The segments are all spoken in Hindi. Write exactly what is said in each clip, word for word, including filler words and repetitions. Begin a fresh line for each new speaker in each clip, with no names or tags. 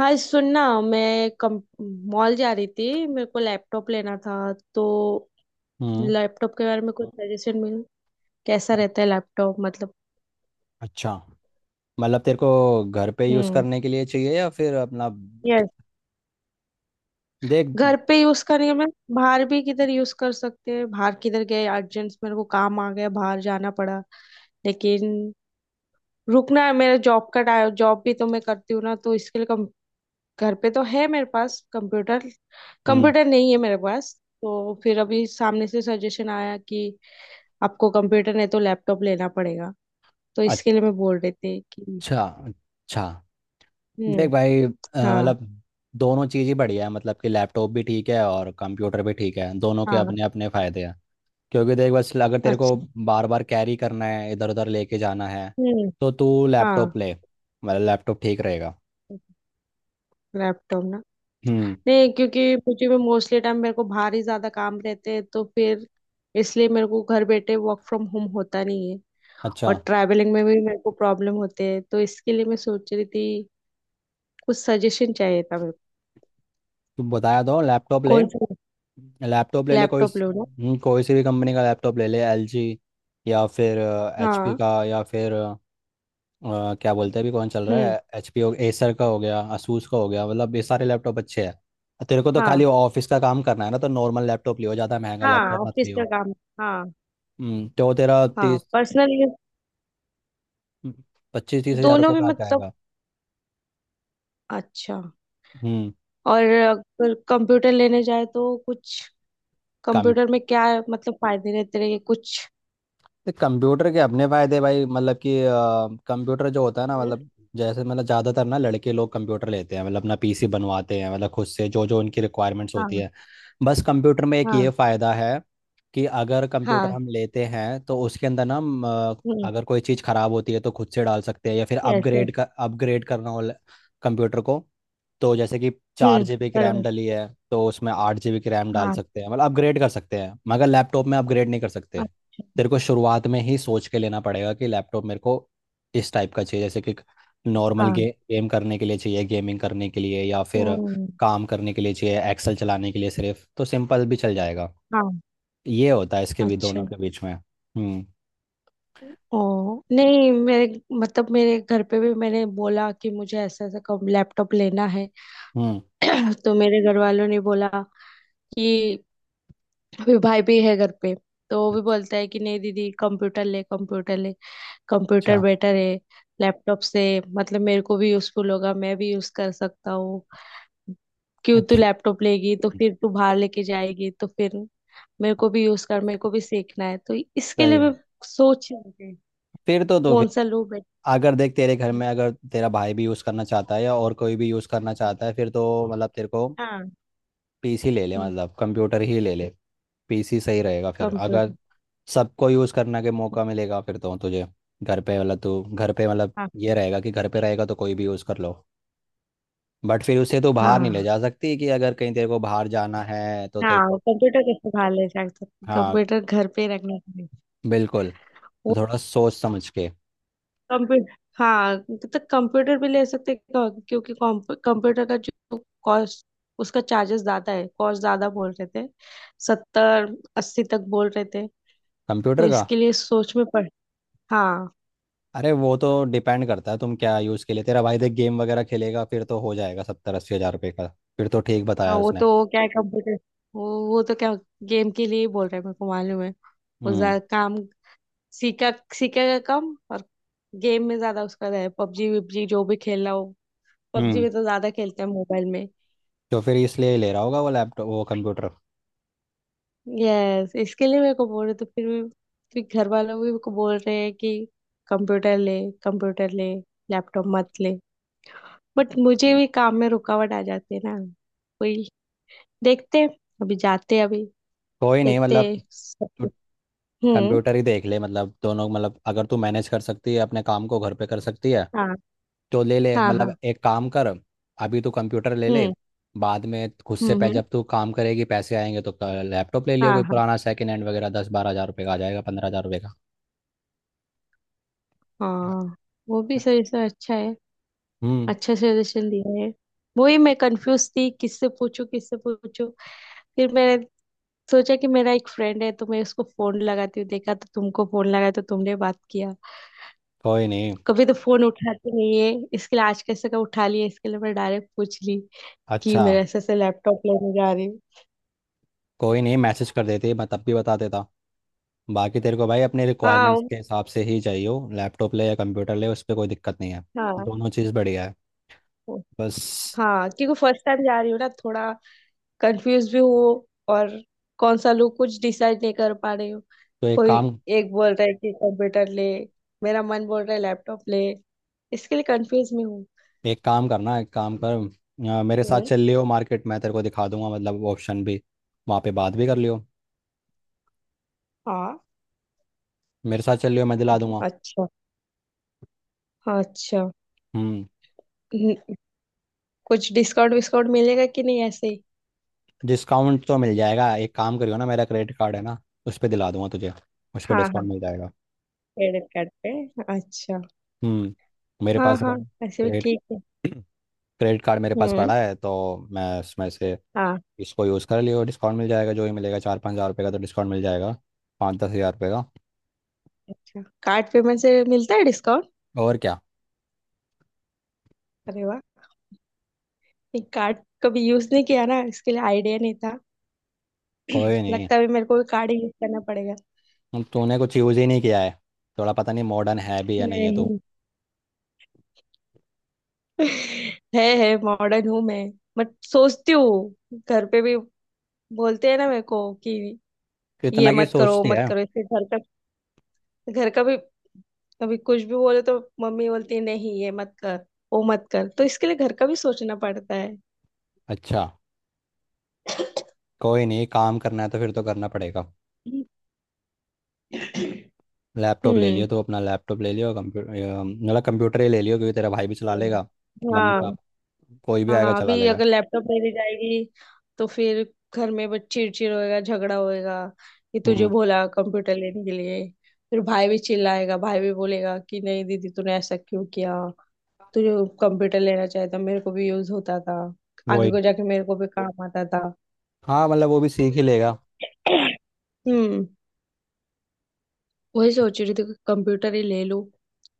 हाँ, सुनना। मैं कम मॉल जा रही थी, मेरे को लैपटॉप लेना था। तो
हम्म।
लैपटॉप के बारे में कुछ सजेशन मिल, कैसा
अ-
रहता है लैपटॉप मतलब।
अच्छा। मतलब तेरे को घर पे यूज़
हम्म।
करने के लिए चाहिए या फिर अपना
यस।
क्या- देख।
घर पे यूज करेंगे, मैं बाहर भी किधर यूज कर सकते हैं, बाहर किधर गए अर्जेंट मेरे को काम आ गया बाहर जाना पड़ा। लेकिन रुकना है मेरा जॉब का, जॉब भी तो मैं करती हूँ ना, तो इसके लिए कम। घर पे तो है मेरे पास कंप्यूटर,
हम्म।
कंप्यूटर नहीं है मेरे पास। तो फिर अभी सामने से सजेशन आया कि आपको कंप्यूटर नहीं तो लैपटॉप लेना पड़ेगा। तो इसके लिए मैं बोल रही थी कि।
अच्छा अच्छा। देख
हम्म।
भाई अ,
हाँ।
मतलब दोनों चीज़ ही बढ़िया है, मतलब कि लैपटॉप भी ठीक है और कंप्यूटर भी ठीक है, दोनों के
हाँ।
अपने अपने फ़ायदे हैं। क्योंकि देख, बस अगर तेरे को
अच्छा।
बार बार कैरी करना है, इधर उधर लेके जाना है,
हम्म।
तो तू
हाँ।
लैपटॉप ले। मतलब लैपटॉप ठीक रहेगा।
लैपटॉप ना।
हम्म।
नहीं, क्योंकि मुझे में मोस्टली टाइम मेरे को बाहर ही ज्यादा काम रहते हैं, तो फिर इसलिए मेरे को घर बैठे वर्क फ्रॉम होम होता नहीं है। और
अच्छा,
ट्रैवलिंग में भी मेरे को प्रॉब्लम होते हैं, तो इसके लिए मैं सोच रही थी। कुछ सजेशन चाहिए था मेरे को।
तू बताया तो लैपटॉप ले।
कौन सा
लैपटॉप ले ले कोई
लैपटॉप लो ना।
हम्म, कोई सी भी कंपनी का लैपटॉप ले ले, एलजी या फिर एचपी
हाँ।
का या फिर अ, अ, क्या बोलते हैं अभी कौन चल रहा
हम्म।
है, एचपी हो, एसर का हो गया, asus का हो गया। मतलब ये सारे लैपटॉप अच्छे हैं। तेरे को तो खाली
हाँ।
ऑफिस का काम करना है ना, तो नॉर्मल लैपटॉप लियो, ज़्यादा महंगा
हाँ,
लैपटॉप मत
ऑफिस का
लियो।
काम। हाँ।
हम्म, तो तेरा
हाँ,
तीस
पर्सनल
पच्चीस तीस हजार
दोनों
रुपये
भी
का आ
मतलब।
जाएगा।
अच्छा।
हम्म।
और अगर कंप्यूटर लेने जाए तो कुछ
काम,
कंप्यूटर में क्या मतलब फायदे रहते रहेंगे कुछ।
तो कंप्यूटर के अपने फायदे भाई, मतलब कि अ, कंप्यूटर जो होता है ना,
हम्म।
मतलब जैसे, मतलब ज़्यादातर ना लड़के लोग कंप्यूटर लेते हैं, मतलब अपना पीसी बनवाते हैं, मतलब खुद से जो जो उनकी रिक्वायरमेंट्स होती
हाँ।
है। बस कंप्यूटर में एक ये
हाँ।
फ़ायदा है कि अगर कंप्यूटर
हाँ।
हम लेते हैं तो उसके अंदर ना हम, अ,
हम्म।
अगर कोई चीज़ ख़राब होती है तो खुद से डाल सकते हैं, या फिर
यस, यस।
अपग्रेड कर अपग्रेड करना हो कंप्यूटर को, तो जैसे कि चार
हम्म।
जीबी की रैम
बरोबर।
डली है तो उसमें आठ जीबी की रैम डाल
हाँ।
सकते हैं, मतलब अपग्रेड कर सकते हैं, मगर लैपटॉप में अपग्रेड नहीं कर सकते।
हाँ।
तेरे को शुरुआत में ही सोच के लेना पड़ेगा कि लैपटॉप मेरे को इस टाइप का चाहिए, जैसे कि नॉर्मल
हाँ।
गे, गेम करने के लिए चाहिए, गेमिंग करने के लिए, या फिर
हम्म,
काम करने के लिए चाहिए, एक्सेल चलाने के लिए सिर्फ, तो सिंपल भी चल जाएगा।
हाँ।
ये होता है इसके भी
अच्छा।
दोनों के बीच में। हम्म।
ओ नहीं, मेरे मतलब मेरे घर पे भी मैंने बोला कि मुझे ऐसा ऐसा कम लैपटॉप लेना है।
हम्म।
तो मेरे घर वालों ने बोला कि अभी भाई भी है घर पे, तो वो भी बोलता है कि नहीं दीदी कंप्यूटर ले, कंप्यूटर ले। कंप्यूटर
अच्छा।
बेटर है लैपटॉप से, मतलब मेरे को भी यूजफुल होगा, मैं भी यूज कर सकता हूँ। क्यों तू
अच्छा।
लैपटॉप लेगी तो फिर तू बाहर लेके जाएगी, तो फिर मेरे को भी यूज कर, मेरे को भी सीखना है। तो इसके
सही
लिए मैं
है।
सोच रही थी
फिर तो तो
कौन सा लूँ बेटर।
अगर देख, तेरे घर
है।
में अगर तेरा भाई भी यूज़ करना चाहता है या और कोई भी यूज़ करना चाहता है, फिर तो मतलब तेरे को
हाँ।
पीसी ले ले, मतलब कंप्यूटर ही ले ले। पीसी सही रहेगा फिर, अगर
कंप्यूटर।
सबको यूज़ करने के मौका मिलेगा, फिर तो तुझे घर पे, मतलब तू घर पे, मतलब
हाँ।
ये रहेगा कि घर पे रहेगा तो कोई भी यूज़ कर लो, बट फिर उसे तो बाहर नहीं ले
हाँ।
जा सकती, कि अगर कहीं तेरे को बाहर जाना है तो तेरे
हाँ,
को।
कंप्यूटर कैसे बाहर ले जा सकते,
हाँ,
कंप्यूटर घर पे रखना चाहिए।
बिल्कुल। तो थोड़ा सोच समझ के।
कंप्यू, हाँ, तो कंप्यूटर भी ले सकते हैं, क्यों- क्योंकि कंप्यूटर का जो कॉस्ट, उसका चार्जेस ज्यादा है, कॉस्ट ज्यादा बोल रहे थे। सत्तर अस्सी तक बोल रहे थे। तो
कंप्यूटर का?
इसके लिए सोच में पड़। हाँ।
अरे वो तो डिपेंड करता है तुम क्या यूज़ के लिए। तेरा भाई देख गेम वगैरह खेलेगा, फिर तो हो जाएगा सत्तर अस्सी हज़ार रुपये का। फिर तो ठीक
हाँ,
बताया
वो
उसने।
तो वो क्या है, कंप्यूटर वो वो तो क्या गेम के लिए ही बोल रहे हैं मेरे को मालूम है। वो
हम्म।
ज्यादा काम सीखा, सीखेगा कम और गेम में ज्यादा उसका है। पबजी वबजी जो भी खेलना हो, पबजी
हम्म,
में तो ज्यादा खेलते हैं मोबाइल में।
तो फिर इसलिए ही ले रहा होगा वो लैपटॉप, वो कंप्यूटर।
यस, इसके लिए मेरे को बोल रहे तो फिर भी फिर घर वालों भी मेरे को बोल रहे हैं कि कंप्यूटर ले, कंप्यूटर ले, लैपटॉप मत ले। बट मुझे भी काम में रुकावट आ जाती है ना। वही देखते हैं, अभी जाते हैं अभी।
कोई नहीं,
देखते
मतलब
हैं सब
तू
कुछ। हम्म।
कंप्यूटर ही देख ले, मतलब दोनों, मतलब अगर तू मैनेज कर सकती है, अपने काम को घर पे कर सकती है,
हाँ।
तो ले ले,
हाँ।
मतलब
हाँ।
एक काम कर, अभी तू कंप्यूटर ले ले।
हम्म।
बाद में खुद से
हम्म।
पै
हम्म,
जब तू काम करेगी, पैसे आएंगे तो लैपटॉप ले लियो,
हाँ।
कोई
हाँ।
पुराना सेकंड हैंड वगैरह, दस बारह हज़ार रुपये का आ जाएगा, पंद्रह हज़ार रुपये का।
हाँ, वो भी सजेशन अच्छा है।
हम्म।
अच्छा सजेशन दिया है। वही मैं कंफ्यूज थी किससे पूछूं, किससे पूछूं। फिर मैंने सोचा कि मेरा एक फ्रेंड है, तो मैं उसको फोन लगाती हूँ। देखा तो तुमको फोन लगाया तो तुमने बात किया।
कोई नहीं।
कभी तो फोन उठाते नहीं है, इसके लिए आज कैसे का उठा लिया, इसके लिए मैं डायरेक्ट पूछ ली कि
अच्छा।
मेरे ऐसे ऐसे लैपटॉप लेने जा रही हूँ।
कोई नहीं, मैसेज कर देती, मैं तब भी बता देता। बाकी तेरे को भाई, अपने
हाँ।
रिक्वायरमेंट्स
उम,
के हिसाब से ही चाहिए हो लैपटॉप ले या कंप्यूटर ले, उस पर कोई दिक्कत नहीं है।
हाँ।
दोनों चीज़ बढ़िया है।
उ-
बस,
हाँ, क्योंकि फर्स्ट टाइम जा रही हूँ ना, थोड़ा कंफ्यूज भी हूँ। और कौन सा लूँ कुछ डिसाइड नहीं कर पा रही हूँ।
तो एक
कोई
काम
एक बोल रहा है कि कंप्यूटर ले, मेरा मन बोल रहा है लैपटॉप ले, इसके लिए कंफ्यूज में हूँ।
एक काम करना, एक काम कर आ, मेरे साथ
हम्म,
चल लियो मार्केट, मैं तेरे को दिखा दूंगा मतलब ऑप्शन भी, वहाँ पे बात भी कर लियो।
हाँ।
मेरे साथ चल लियो, मैं दिला दूंगा।
अच्छा। हाँ, अच्छा।
हम्म।
हम्म, कुछ डिस्काउंट विस्काउंट मिलेगा कि नहीं ऐसे ही।
डिस्काउंट तो मिल जाएगा, एक काम करियो ना, मेरा क्रेडिट कार्ड है ना, उस पर दिला दूंगा तुझे, उस पर
हाँ, हाँ,
डिस्काउंट मिल जाएगा।
क्रेडिट कार्ड पे। अच्छा।
हम्म। मेरे
हाँ,
पास
हाँ, ऐसे भी
क्रेडिट
ठीक है।
क्रेडिट कार्ड मेरे पास
हम्म।
पड़ा है, तो मैं उसमें से
हाँ।
इसको यूज़ कर लियो, डिस्काउंट मिल जाएगा, जो ही मिलेगा, चार पाँच हज़ार रुपये का तो डिस्काउंट मिल जाएगा, पाँच दस हज़ार रुपये का।
अच्छा, कार्ड पेमेंट से मिलता है डिस्काउंट।
और क्या।
अरे वाह। नहीं, कार्ड कभी यूज नहीं किया ना, इसके लिए आइडिया नहीं था।
कोई नहीं।
लगता है मेरे को भी कार्ड ही यूज करना पड़ेगा।
अब तूने कुछ यूज़ ही नहीं किया है, थोड़ा पता नहीं मॉडर्न है भी या नहीं है तू।
नहीं। है है मॉडर्न हूँ मैं। बट सोचती हूँ घर पे भी बोलते हैं ना मेरे को कि ये
इतना की
मत करो वो
सोचती
मत
है।
करो, इससे घर का घर का भी कभी कुछ भी बोले तो मम्मी बोलती है नहीं ये मत कर वो मत कर, तो इसके लिए घर का भी सोचना पड़ता है।
अच्छा। कोई नहीं, काम करना है तो फिर तो करना पड़ेगा।
हम्म।
लैपटॉप ले
हम्म।
लियो तो अपना लैपटॉप ले लियो, कंप्यूटर मतलब कंप्यूटर ही ले लियो, क्योंकि तेरा भाई भी चला लेगा, मम्मी
हाँ।
पापा कोई भी आएगा
हाँ,
चला
अभी
लेगा।
अगर लैपटॉप नहीं ले जाएगी तो फिर घर में बस चिड़चिड़ होएगा, झगड़ा होएगा कि तुझे
हम्म।
बोला कंप्यूटर लेने के लिए। फिर भाई भी चिल्लाएगा, भाई भी बोलेगा कि नहीं दीदी तूने ऐसा क्यों किया, तुझे कंप्यूटर लेना चाहिए था, मेरे को भी यूज होता था। आगे
वही।
को जाके मेरे को भी काम आता था।
हाँ, मतलब वो भी सीख ही लेगा।
हम्म। वही सोच रही थी कंप्यूटर ही ले लूं,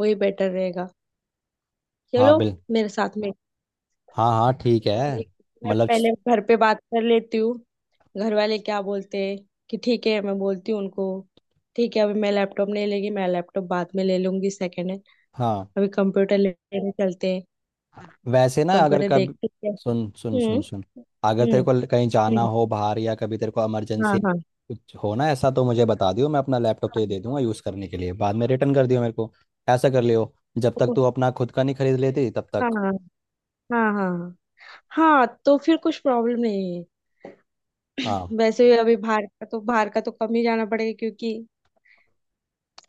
वही बेटर रहेगा।
हाँ
चलो
बिल्कुल।
मेरे साथ में।
हाँ हाँ ठीक है।
मैं
मतलब स-
पहले घर पे बात कर लेती हूँ, घर वाले क्या बोलते हैं, कि ठीक है, मैं बोलती हूँ उनको, ठीक है अभी मैं लैपटॉप नहीं लेगी, मैं लैपटॉप बाद में ले लूंगी सेकेंड हैंड।
हाँ।
अभी कंप्यूटर लेने चलते हैं,
वैसे ना, अगर
कंप्यूटर
कभी,
देखते हैं।
सुन सुन
हम्म।
सुन सुन, अगर
हम्म।
तेरे को ल- कहीं जाना
हम्म,
हो बाहर, या कभी तेरे को
हाँ।
इमरजेंसी
हाँ।
कुछ हो ना ऐसा, तो मुझे बता दियो, मैं अपना लैपटॉप तुझे दे दूंगा यूज़ करने के लिए, बाद में रिटर्न कर दियो मेरे को। ऐसा कर लियो, जब तक तू अपना खुद का नहीं खरीद लेती तब
हाँ।
तक।
हाँ। हाँ। हाँ। हाँ तो फिर कुछ प्रॉब्लम नहीं है।
हाँ
वैसे भी अभी बाहर का तो, बाहर का तो कम ही जाना पड़ेगा, क्योंकि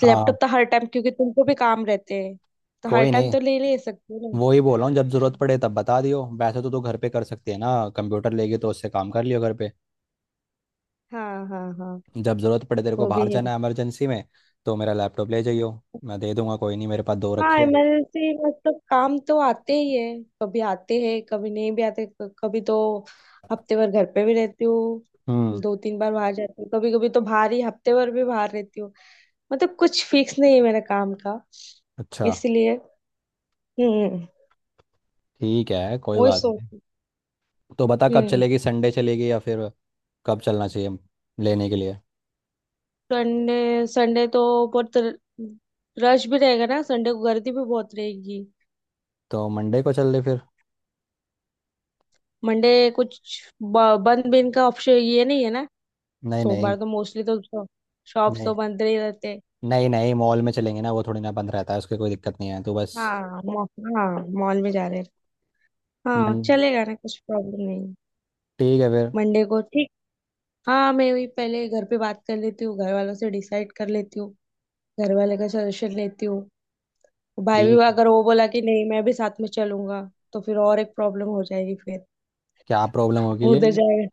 हाँ।
लैपटॉप तो हर टाइम, क्योंकि तुमको भी काम रहते हैं, तो हर
कोई
टाइम
नहीं,
तो ले ले सकते हो ना।
वो ही बोल रहा हूँ, जब ज़रूरत पड़े तब बता दियो। वैसे तो तू घर पे कर सकती है ना, कंप्यूटर लेगी तो उससे काम कर लियो घर पे।
हाँ। हाँ। हाँ,
जब ज़रूरत पड़े तेरे को
वो भी
बाहर
है।
जाना है इमरजेंसी में, तो मेरा लैपटॉप ले जाइयो, मैं दे दूंगा, कोई नहीं, मेरे पास दो
हाँ,
रखे हैं।
इमरजेंसी मतलब काम तो आते ही है, कभी आते हैं कभी नहीं भी आते। क- कभी तो हफ्ते भर घर पे भी रहती हूँ,
हम्म।
दो तीन बार बाहर जाती हूँ, कभी कभी तो बाहर ही हफ्ते भर भी बाहर रहती हूँ। मतलब कुछ फिक्स नहीं है मेरे काम का,
अच्छा,
इसलिए। हम्म।
ठीक है, कोई
वही
बात
सोच।
नहीं। तो बता कब
हम्म।
चलेगी, संडे चलेगी या फिर कब चलना चाहिए लेने के लिए।
संडे, संडे तो बहुत रश भी रहेगा ना, संडे को गर्दी भी बहुत रहेगी।
तो मंडे को चल ले फिर।
मंडे कुछ ब- बंद भी इनका ऑप्शन ये नहीं है ना।
नहीं नहीं
सोमवार तो मोस्टली तो शॉप्स
नहीं
तो बंद नहीं रहते हैं।
नहीं नहीं मॉल में चलेंगे ना, वो थोड़ी ना बंद रहता है, उसकी कोई दिक्कत नहीं है, तो बस।
हाँ, मॉ- हाँ मॉल में जा रहे हैं। हाँ
मन
चलेगा ना, कुछ प्रॉब्लम नहीं है।
ठीक है फिर।
मंडे को ठीक। हाँ, मैं वही पहले घर पे बात कर लेती हूँ, घर वालों से डिसाइड कर लेती हूँ, घर वाले का सजेशन लेती हूँ। भाई भी
ठीक है।
अगर वो बोला कि नहीं मैं भी साथ में चलूंगा, तो फिर और एक प्रॉब्लम हो जाएगी। फिर
क्या प्रॉब्लम होगी, ले
उधर
लियो,
जाएगा।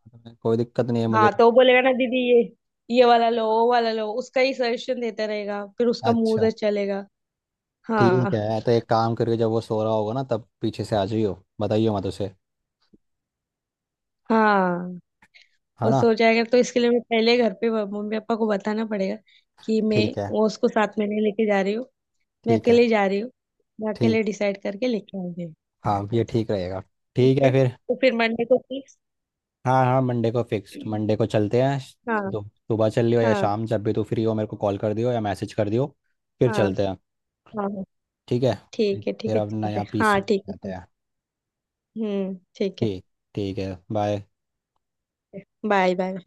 कोई दिक्कत नहीं है मुझे।
हाँ, तो वो बोलेगा ना दीदी ये ये वाला लो वो वाला लो, उसका ही सजेशन देता रहेगा, फिर उसका मुंह
अच्छा
उधर चलेगा।
ठीक
हाँ।
है, तो एक काम करके जब वो सो रहा होगा ना तब पीछे से आ जाइयो, बताइयो मत उसे।
हाँ,
है
वो
ना?
सो जाएगा तो इसके लिए मैं पहले घर पे ब- मम्मी पापा को बताना पड़ेगा कि मैं
ठीक है
वो उसको साथ में नहीं लेके जा रही हूँ। मैं
ठीक है।
अकेले जा रही हूँ, मैं
ठीक।
अकेले डिसाइड करके लेके आऊंगी।
हाँ ये ठीक रहेगा।
ठीक
ठीक है
है
फिर।
तो फिर मंडे को फिक्स।
हाँ हाँ मंडे को फिक्स, मंडे को चलते हैं।
हाँ।
दो सुबह चल लियो या
हाँ।
शाम, जब भी तू फ्री हो मेरे को कॉल कर दियो या मैसेज कर दियो, फिर
हाँ। हाँ।
चलते हैं।
हाँ,
ठीक है। फिर
ठीक है, ठीक
फिर
है,
अपना
चलते,
यहाँ
हाँ,
पीसी
ठीक
लेके
है,
आते
चलते।
हैं।
हम्म, ठीक है।
ठीक। ठीक है, बाय।
Bye bye.